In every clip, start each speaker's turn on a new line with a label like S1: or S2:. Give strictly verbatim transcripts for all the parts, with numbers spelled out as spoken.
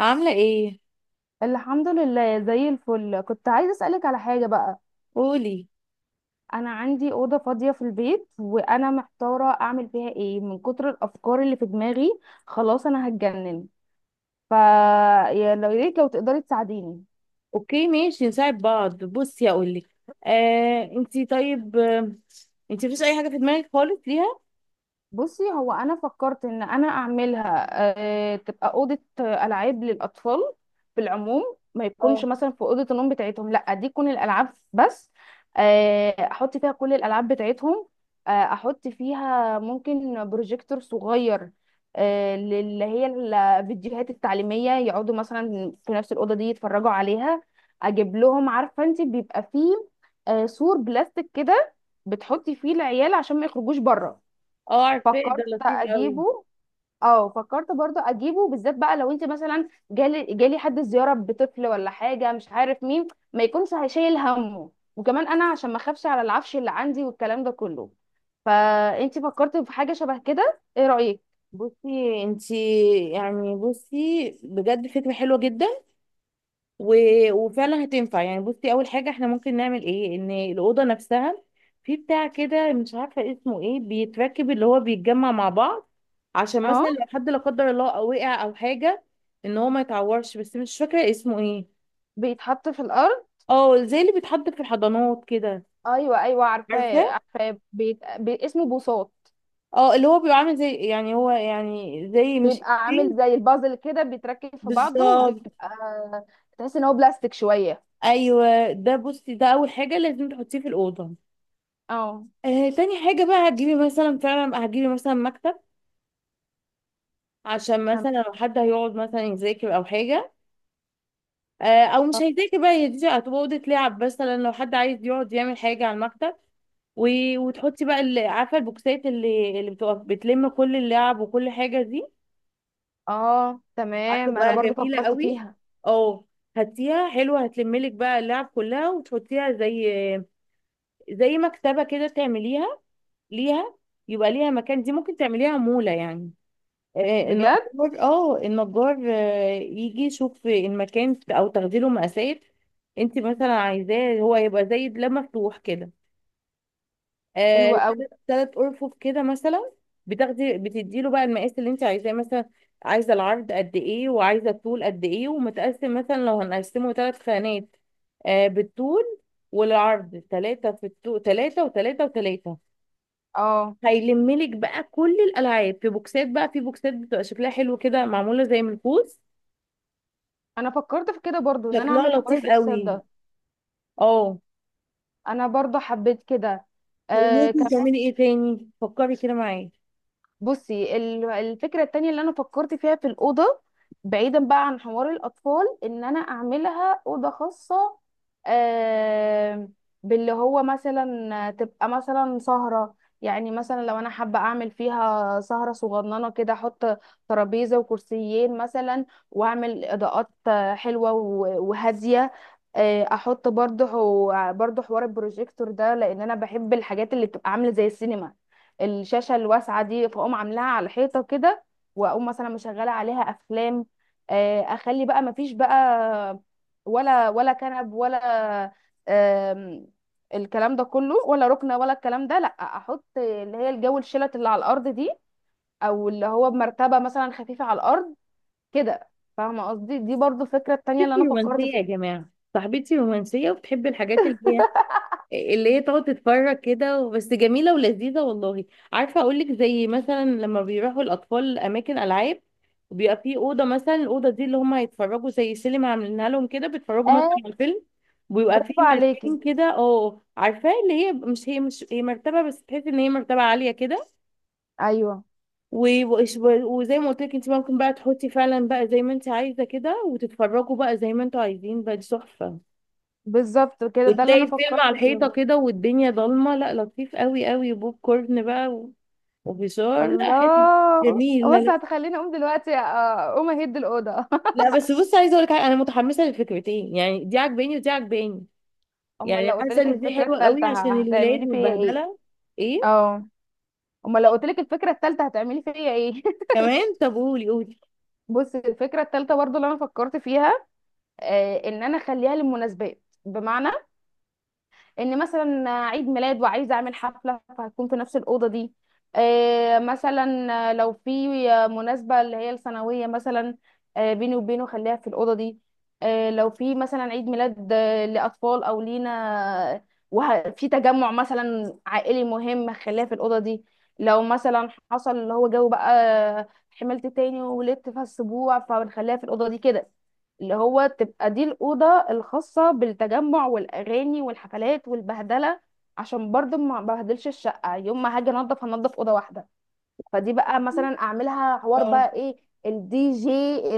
S1: عاملة ايه؟
S2: الحمد لله زي الفل. كنت عايزة أسألك على حاجة بقى.
S1: قولي.
S2: أنا عندي أوضة فاضية في البيت وأنا محتارة أعمل فيها إيه من كتر الأفكار اللي في دماغي. خلاص أنا هتجنن. فا يا لو- يا ريت لو تقدري تساعديني.
S1: اوكي ماشي، نساعد بعض. بصي اقولك، آه انتي طيب. آه انتي مفيش اي حاجة في دماغك خالص ليها؟
S2: بصي هو انا فكرت ان انا اعملها. آه، تبقى اوضه آه، العاب للاطفال. في العموم ما يكونش
S1: اه
S2: مثلا في اوضه النوم بتاعتهم، لا دي تكون الالعاب بس. آه، احط فيها كل الالعاب بتاعتهم. آه، احط فيها ممكن بروجيكتور صغير، آه، للي هي الفيديوهات التعليميه، يقعدوا مثلا في نفس الاوضه دي يتفرجوا عليها. اجيب لهم، عارفه انت بيبقى فيه آه، سور بلاستيك كده بتحطي فيه العيال عشان ما يخرجوش بره.
S1: اه، عارفاه ده
S2: فكرت
S1: لطيف قوي.
S2: اجيبه. اه فكرت برضو اجيبه، بالذات بقى لو انت مثلا جالي جالي حد زياره بطفل ولا حاجه، مش عارف مين، ما يكونش هيشيل همه. وكمان انا عشان ما اخافش على العفش اللي عندي والكلام ده كله. فانت فكرت في حاجه شبه كده، ايه رايك؟
S1: بصي انتي، يعني بصي بجد فكرة حلوة جدا، و...
S2: مم.
S1: وفعلا هتنفع. يعني بصي، اول حاجه احنا ممكن نعمل ايه، ان الاوضه نفسها في بتاع كده مش عارفه اسمه ايه بيتركب، اللي هو بيتجمع مع بعض، عشان
S2: اه.
S1: مثلا لو حد لا قدر الله او وقع او حاجه ان هو ما يتعورش، بس مش فاكره اسمه ايه.
S2: بيتحط في الارض.
S1: اه زي اللي بيتحط في الحضانات كده.
S2: ايوه ايوه،
S1: عارفه.
S2: عارفاه عارفاه، بيت... بي... اسمه بوصات.
S1: اه اللي هو بيبقى عامل زي، يعني هو يعني زي مش
S2: بيبقى عامل
S1: إيه؟
S2: زي البازل كده، بيتركب في بعضه
S1: بالظبط.
S2: وبيبقى تحس ان هو بلاستيك شويه.
S1: ايوه ده، بصي ده اول حاجه لازم تحطيه في الاوضه.
S2: اه
S1: آه تاني حاجه بقى، هتجيبي مثلا، فعلا هتجيبي مثلا مكتب، عشان
S2: تمام،
S1: مثلا لو حد هيقعد مثلا يذاكر او حاجه. آه، او مش هيذاكر بقى، هي دي هتبقى اوضه لعب، مثلا لو حد عايز يقعد يعمل حاجه على المكتب. و... وتحطي بقى اللي عارفه البوكسات، اللي اللي بتبقى بتلم كل اللعب وكل حاجه دي.
S2: اه تمام، انا
S1: هتبقى
S2: برضو
S1: جميله
S2: فكرت
S1: قوي.
S2: فيها.
S1: اه هاتيها حلوه، هتلملك بقى اللعب كلها وتحطيها زي زي مكتبه كده تعمليها ليها، يبقى ليها مكان. دي ممكن تعمليها مولة يعني، آه،
S2: بجد.
S1: النجار، اه النجار آه، يجي يشوف المكان او تاخدي له مقاسات. انت مثلا عايزاه هو يبقى زي ده مفتوح كده،
S2: حلوة
S1: آه
S2: قوي.
S1: تلات تلات ارفف كده مثلا. بتاخدي بتدي له بقى المقاس اللي انت عايزاه، مثلا عايزه العرض قد ايه وعايزه الطول قد ايه، ومتقسم مثلا لو هنقسمه ثلاث خانات، آه بالطول والعرض، ثلاثة في الطول، ثلاثة وثلاثة وثلاثة.
S2: اه.
S1: هيلملك بقى كل الالعاب في بوكسات، بقى في بوكسات بتبقى شكلها حلو كده، معموله زي من الفوز.
S2: انا فكرت في كده برضو، ان انا
S1: شكلها
S2: اعمل حوار
S1: لطيف
S2: البوكسات
S1: قوي.
S2: ده.
S1: اه
S2: انا برضو حبيت كده. آه،
S1: وممكن تعملي ايه تاني، فكري كده معايا.
S2: بصي ال- الفكرة التانية اللي أنا فكرت فيها في الأوضة، بعيدا بقى عن حوار الأطفال، إن أنا أعملها أوضة خاصة. آه، باللي هو مثلا تبقى مثلا سهرة. يعني مثلا لو أنا حابة أعمل فيها سهرة صغننة كده، أحط ترابيزة وكرسيين مثلا، وأعمل إضاءات آه، حلوة و- وهادية. آه، احط برضه برضه حوار البروجيكتور ده، لان انا بحب الحاجات اللي بتبقى عامله زي السينما، الشاشه الواسعه دي، فاقوم عاملاها على حيطه كده، واقوم مثلا مشغله عليها افلام. آه، اخلي بقى مفيش بقى ولا ولا كنب ولا آم، الكلام ده كله، ولا ركنه ولا الكلام ده، لا احط اللي هي الجو الشلت اللي على الارض دي، او اللي هو بمرتبه مثلا خفيفه على الارض كده. فاهمه قصدي؟ دي برضو الفكره التانية اللي
S1: صاحبتي
S2: انا فكرت
S1: رومانسيه يا
S2: فيها.
S1: جماعه، صاحبتي رومانسيه وبتحب الحاجات اللي هي اللي هي تقعد تتفرج كده، بس جميلة ولذيذة والله. عارفة أقولك، زي مثلا لما بيروحوا الأطفال أماكن ألعاب بيبقى في أوضة، مثلا الأوضة دي اللي هم هيتفرجوا، زي سينما عاملينها لهم كده، بيتفرجوا مثلا
S2: اه.
S1: على الفيلم، ويبقى في
S2: برافو
S1: مكان
S2: عليكي.
S1: كده اه عارفاه، اللي هي مش هي مش هي مرتبة، بس تحسي إن هي مرتبة عالية كده.
S2: ايوه،
S1: و- وإش- وزي ما قلت لك، انت ممكن بقى تحطي فعلا بقى زي ما انت عايزة كده، وتتفرجوا بقى زي ما انتوا عايزين، بقى دي تحفة.
S2: بالظبط كده، ده اللي
S1: وتلاقي
S2: انا
S1: الفيلم على
S2: فكرت
S1: الحيطة
S2: فيه.
S1: كده والدنيا ضلمة، لا لطيف قوي قوي، وبوب كورن بقى و- وفشار، لا حلو،
S2: الله.
S1: جميل، لا
S2: بص
S1: لا.
S2: هتخليني اقوم دلوقتي آه، اقوم اهد الاوضه.
S1: لا بس بص، عايزة اقول لك حاجة، انا متحمسة للفكرتين، يعني دي عجباني ودي عجباني.
S2: امال
S1: يعني
S2: لو قلت
S1: حاسة
S2: لك
S1: ان دي
S2: الفكره
S1: حلوة قوي
S2: الثالثه
S1: عشان الولاد
S2: هتعملي فيا ايه؟
S1: والبهدلة. ايه؟
S2: اه. امال لو قلت لك الفكره الثالثه هتعملي فيا ايه؟
S1: كمان؟ طب قولي قولي.
S2: بص الفكره الثالثه برضو اللي انا فكرت فيها، آه، ان انا اخليها للمناسبات، بمعنى ان مثلا عيد ميلاد وعايزه اعمل حفله فهتكون في نفس الاوضه دي. آه، مثلا لو في مناسبه اللي هي السنويه مثلا، آه، بيني وبينه، خليها في الاوضه دي. آه، لو في مثلا عيد ميلاد آه، لاطفال او لينا وفي تجمع مثلا عائلي مهم، خليها في الاوضه دي. لو مثلا حصل اللي هو جو بقى، حملت تاني وولدت فالسبوع، فبنخليها في الاوضه دي كده. اللي هو تبقى دي الأوضة الخاصة بالتجمع والأغاني والحفلات والبهدلة، عشان برضه ما بهدلش الشقة، يوم ما هاجي انضف هنضف أوضة واحدة. فدي بقى مثلا أعملها حوار
S1: اه
S2: بقى إيه، الدي جي،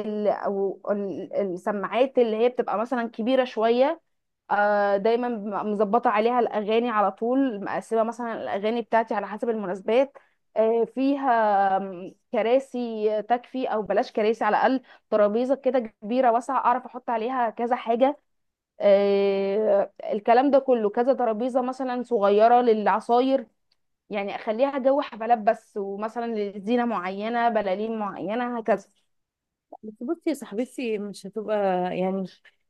S2: ال- أو ال- السماعات اللي هي بتبقى مثلا كبيرة شوية، آه، دايما م- مظبطه عليها الاغاني على طول، مقسمه مثلا الاغاني بتاعتي على حسب المناسبات. آه، فيها م، كراسي تكفي، او بلاش كراسي على الاقل، ترابيزه كده كبيره واسعه اعرف احط عليها كذا حاجه، آه، الكلام ده كله، كذا ترابيزه مثلا صغيره للعصاير. يعني اخليها جو حفلات بس، ومثلا لزينه معينه، بلالين معينه، هكذا.
S1: بس بصي يا صاحبتي، مش هتبقى، يعني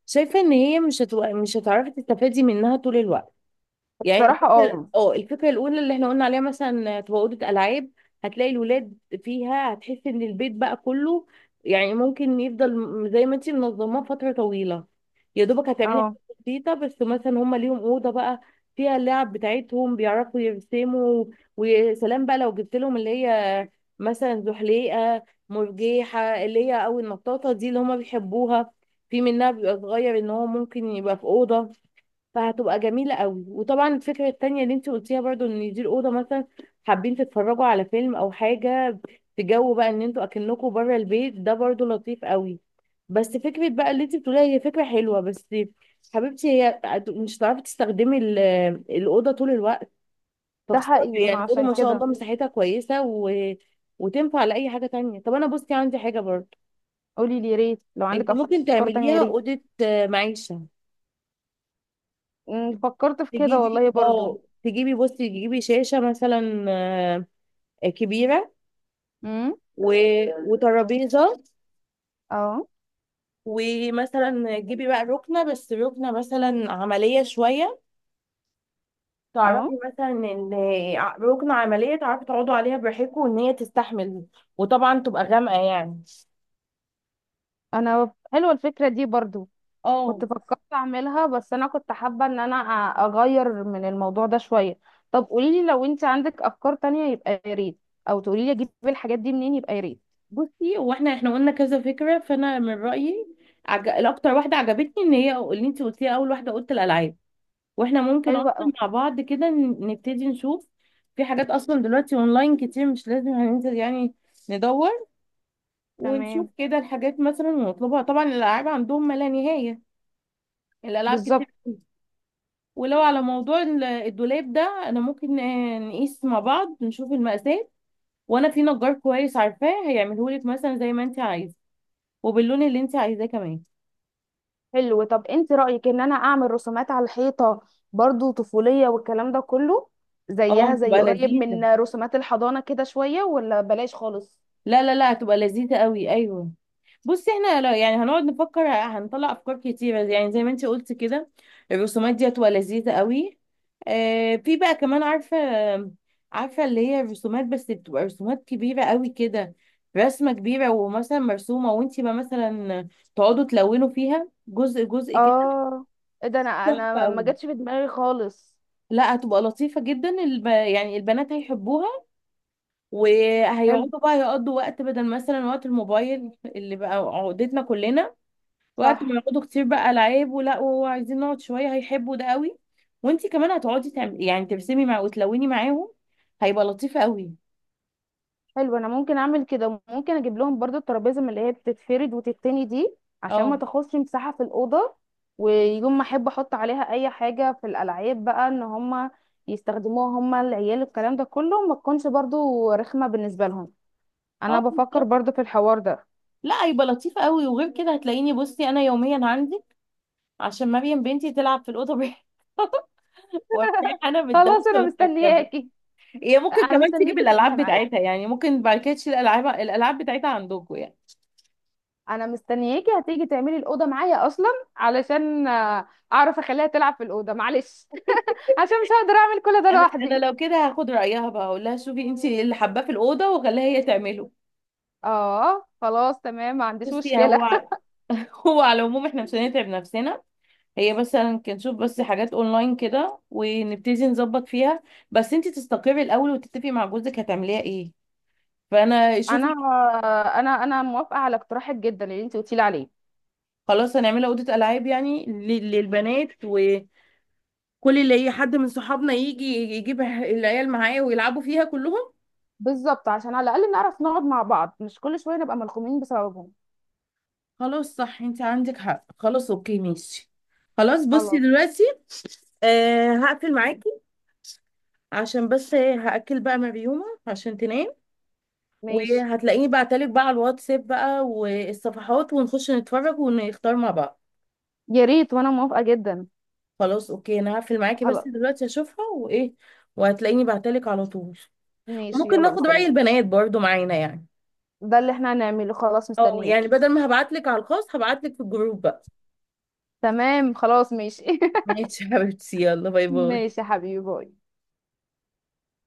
S1: شايفة ان هي مش هتبقى، مش هتعرفي تستفادي منها طول الوقت. يعني
S2: الصراحه
S1: الفكرة،
S2: اه.
S1: اه الفكرة الأولى اللي احنا قلنا عليها مثلا تبقى أوضة ألعاب، هتلاقي الولاد فيها، هتحس إن البيت بقى كله، يعني ممكن يفضل م- زي ما انتي منظماه فترة طويلة. يا دوبك هتعملي
S2: اه.
S1: حاجات بسيطة، بس مثلا هما ليهم أوضة بقى فيها اللعب بتاعتهم، بيعرفوا يرسموا، ويا سلام بقى لو جبت لهم اللي هي مثلا زحليقة، مرجيحة، اللي هي أو النطاطة دي اللي هما بيحبوها، في منها بيبقى صغير إن هو ممكن يبقى في أوضة. فهتبقى جميلة قوي. وطبعا الفكرة التانية اللي انت قلتيها برضو، ان دي الأوضة مثلا حابين تتفرجوا على فيلم أو حاجة، في جو بقى ان انتوا أكنكوا بره البيت، ده برضو لطيف قوي. بس فكرة بقى اللي انت بتقوليها هي فكرة حلوة، بس حبيبتي هي هت- مش هتعرفي تستخدمي ال- الأوضة طول الوقت،
S2: ده
S1: فخسارة
S2: حقيقي ما
S1: يعني. الأوضة
S2: عشان
S1: ما شاء
S2: كده.
S1: الله مساحتها كويسة، و... وتنفع لأي حاجة تانية. طب أنا بصي عندي حاجة برضو،
S2: قولي لي يا ريت لو
S1: انت
S2: عندك
S1: ممكن
S2: افكار تانية، يا
S1: تعمليها
S2: ريت.
S1: أوضة آه، معيشة.
S2: مم، فكرت في كده والله
S1: تجيبي،
S2: برضو.
S1: اه تجيبي، بصي تجيبي شاشة مثلا آه كبيرة،
S2: امم
S1: و... وترابيزة،
S2: اه
S1: ومثلا تجيبي بقى ركنة، بس ركنة مثلا عملية شوية.
S2: اه،
S1: تعرفي مثلا ان، ع- ركنة عملية تعرفي تقعدوا عليها براحتكم، وان هي تستحمل، وطبعا تبقى غامقة يعني.
S2: انا حلوه الفكره دي برضو، كنت
S1: اه
S2: فكرت اعملها، بس انا كنت حابه ان انا أ- اغير من الموضوع ده شويه. طب قولي لي لو انت عندك افكار تانية يبقى يا ريت، او تقولي لي اجيب الحاجات دي منين يبقى يا ريت.
S1: بصي، واحنا احنا قلنا كذا فكرة، فانا من رأيي عج... الاكتر واحدة عجبتني ان هي اللي انت قلتيها اول واحدة، قلت الالعاب. واحنا ممكن
S2: حلوه
S1: اصلا
S2: اه.
S1: مع بعض كده ن- نبتدي نشوف، في حاجات اصلا دلوقتي اونلاين كتير، مش لازم هننزل يعني، ندور ونشوف
S2: تمام.
S1: كده الحاجات مثلا ونطلبها. طبعا الالعاب عندهم ما لا نهاية، الالعاب
S2: بالظبط.
S1: كتير أوي. ولو على موضوع ال- الدولاب ده، انا ممكن آه، نقيس مع بعض، نشوف المقاسات، وانا في نجار كويس عارفاه هيعمله لك مثلا زي ما انت عايزه، وباللون اللي انت عايزاه كمان.
S2: حلو، طب انت رايك ان انا اعمل رسومات على الحيطه، برضو طفوليه والكلام ده كله،
S1: اه
S2: زيها زي
S1: تبقى
S2: قريب
S1: لذيذة،
S2: من رسومات الحضانه كده شويه، ولا بلاش خالص؟
S1: لا لا لا هتبقى لذيذة قوي، ايوه. بصي احنا لا- يعني هنقعد نفكر هنطلع افكار كتيره، يعني زي ما انت قلت كده الرسومات دي هتبقى لذيذه قوي. آه في بقى كمان عارفه عارفه اللي هي الرسومات، بس بتبقى رسومات كبيره قوي كده، رسمه كبيره ومثلا مرسومه، وانت بقى مثلا تقعدوا تلونوا فيها جزء جزء كده.
S2: اه. ايه ده، انا
S1: تحفه
S2: انا ما
S1: قوي،
S2: جاتش في دماغي خالص.
S1: لا هتبقى لطيفه جدا. الب... يعني البنات هيحبوها،
S2: حلو.
S1: وهيقعدوا بقى يقضوا وقت، بدل مثلا وقت الموبايل اللي بقى عقدتنا كلنا. وقت ما
S2: صح.
S1: يقعدوا كتير بقى، العاب ولا وهو عايزين نقعد شويه، هيحبوا ده قوي. وانتي كمان هتقعدي تعملي، يعني ترسمي مع وتلوني معاهم، هيبقى لطيف قوي.
S2: حلو، انا ممكن اعمل كده. ممكن اجيب لهم برضو الترابيزه من اللي هي بتتفرد وتتني دي، عشان ما
S1: اه
S2: تاخدش مساحه في الاوضه، ويوم ما احب احط عليها اي حاجه في الالعاب بقى، ان هم يستخدموها هم العيال، الكلام ده كله ما تكونش برضو رخمه بالنسبه لهم. انا
S1: اه
S2: بفكر
S1: بالظبط.
S2: برضو في الحوار ده.
S1: لا هيبقى لطيف قوي. وغير كده هتلاقيني بصي انا يوميا عندي، عشان مريم بنتي تلعب في الاوضه بيها. وابتدي انا
S2: خلاص
S1: بالدرس
S2: انا
S1: والكركبه.
S2: مستنياكي.
S1: هي ممكن
S2: انا
S1: كمان تيجي
S2: مستنياكي تعمليها
S1: بالالعاب
S2: معايا.
S1: بتاعتها يعني، ممكن بعد كده تشيل الالعاب، الالعاب بتاعتها عندكم يعني.
S2: انا مستنياكي هتيجي تعملي الاوضه معايا اصلا، علشان آه، اعرف اخليها تلعب في الاوضه، معلش. عشان مش هقدر اعمل كل ده
S1: انا انا
S2: لوحدي.
S1: لو كده هاخد رايها بقى، اقول لها شوفي انت اللي حباه في الاوضه وخليها هي تعمله.
S2: اه خلاص تمام، ما عنديش
S1: بصي
S2: مشكله.
S1: هو، هو على العموم احنا مش هنتعب نفسنا، هي بس هنشوف بس حاجات اونلاين كده ونبتدي نظبط فيها، بس انتي تستقري الاول وتتفقي مع جوزك هتعمليها ايه، فانا
S2: انا
S1: شوفي.
S2: آه، انا انا موافقه على اقتراحك جدا اللي انت قلتي لي عليه.
S1: خلاص هنعملها اوضه العاب يعني ل- للبنات، وكل اللي هي حد من صحابنا يجي يجيب العيال معاه ويلعبوا فيها كلهم.
S2: بالظبط، عشان على الاقل نعرف نقعد مع بعض، مش كل شويه نبقى ملخومين بسببهم.
S1: خلاص صح، انتي عندك حق، خلاص اوكي ماشي. خلاص بصي
S2: خلاص.
S1: دلوقتي آه هقفل معاكي، عشان بس إيه، هأكل بقى مريومة عشان تنام.
S2: ماشي.
S1: وهتلاقيني بعتلك بقى على الواتساب بقى والصفحات، ونخش نتفرج ونختار مع بعض.
S2: يا ريت، وانا موافقه جدا.
S1: خلاص اوكي، انا هقفل معاكي بس
S2: خلاص.
S1: دلوقتي اشوفها وايه. وهتلاقيني بعتلك على طول.
S2: ماشي،
S1: وممكن
S2: يلا
S1: ناخد رأي
S2: مستنياكي.
S1: البنات برضو معانا يعني.
S2: ده اللي احنا هنعمله، خلاص
S1: اه يعني
S2: مستنياكي.
S1: بدل ما هبعتلك على الخاص هبعتلك في الجروب بقى.
S2: تمام، خلاص ماشي.
S1: ماشي يا حبيبتي، يلا باي باي.
S2: ماشي يا حبيبي، باي.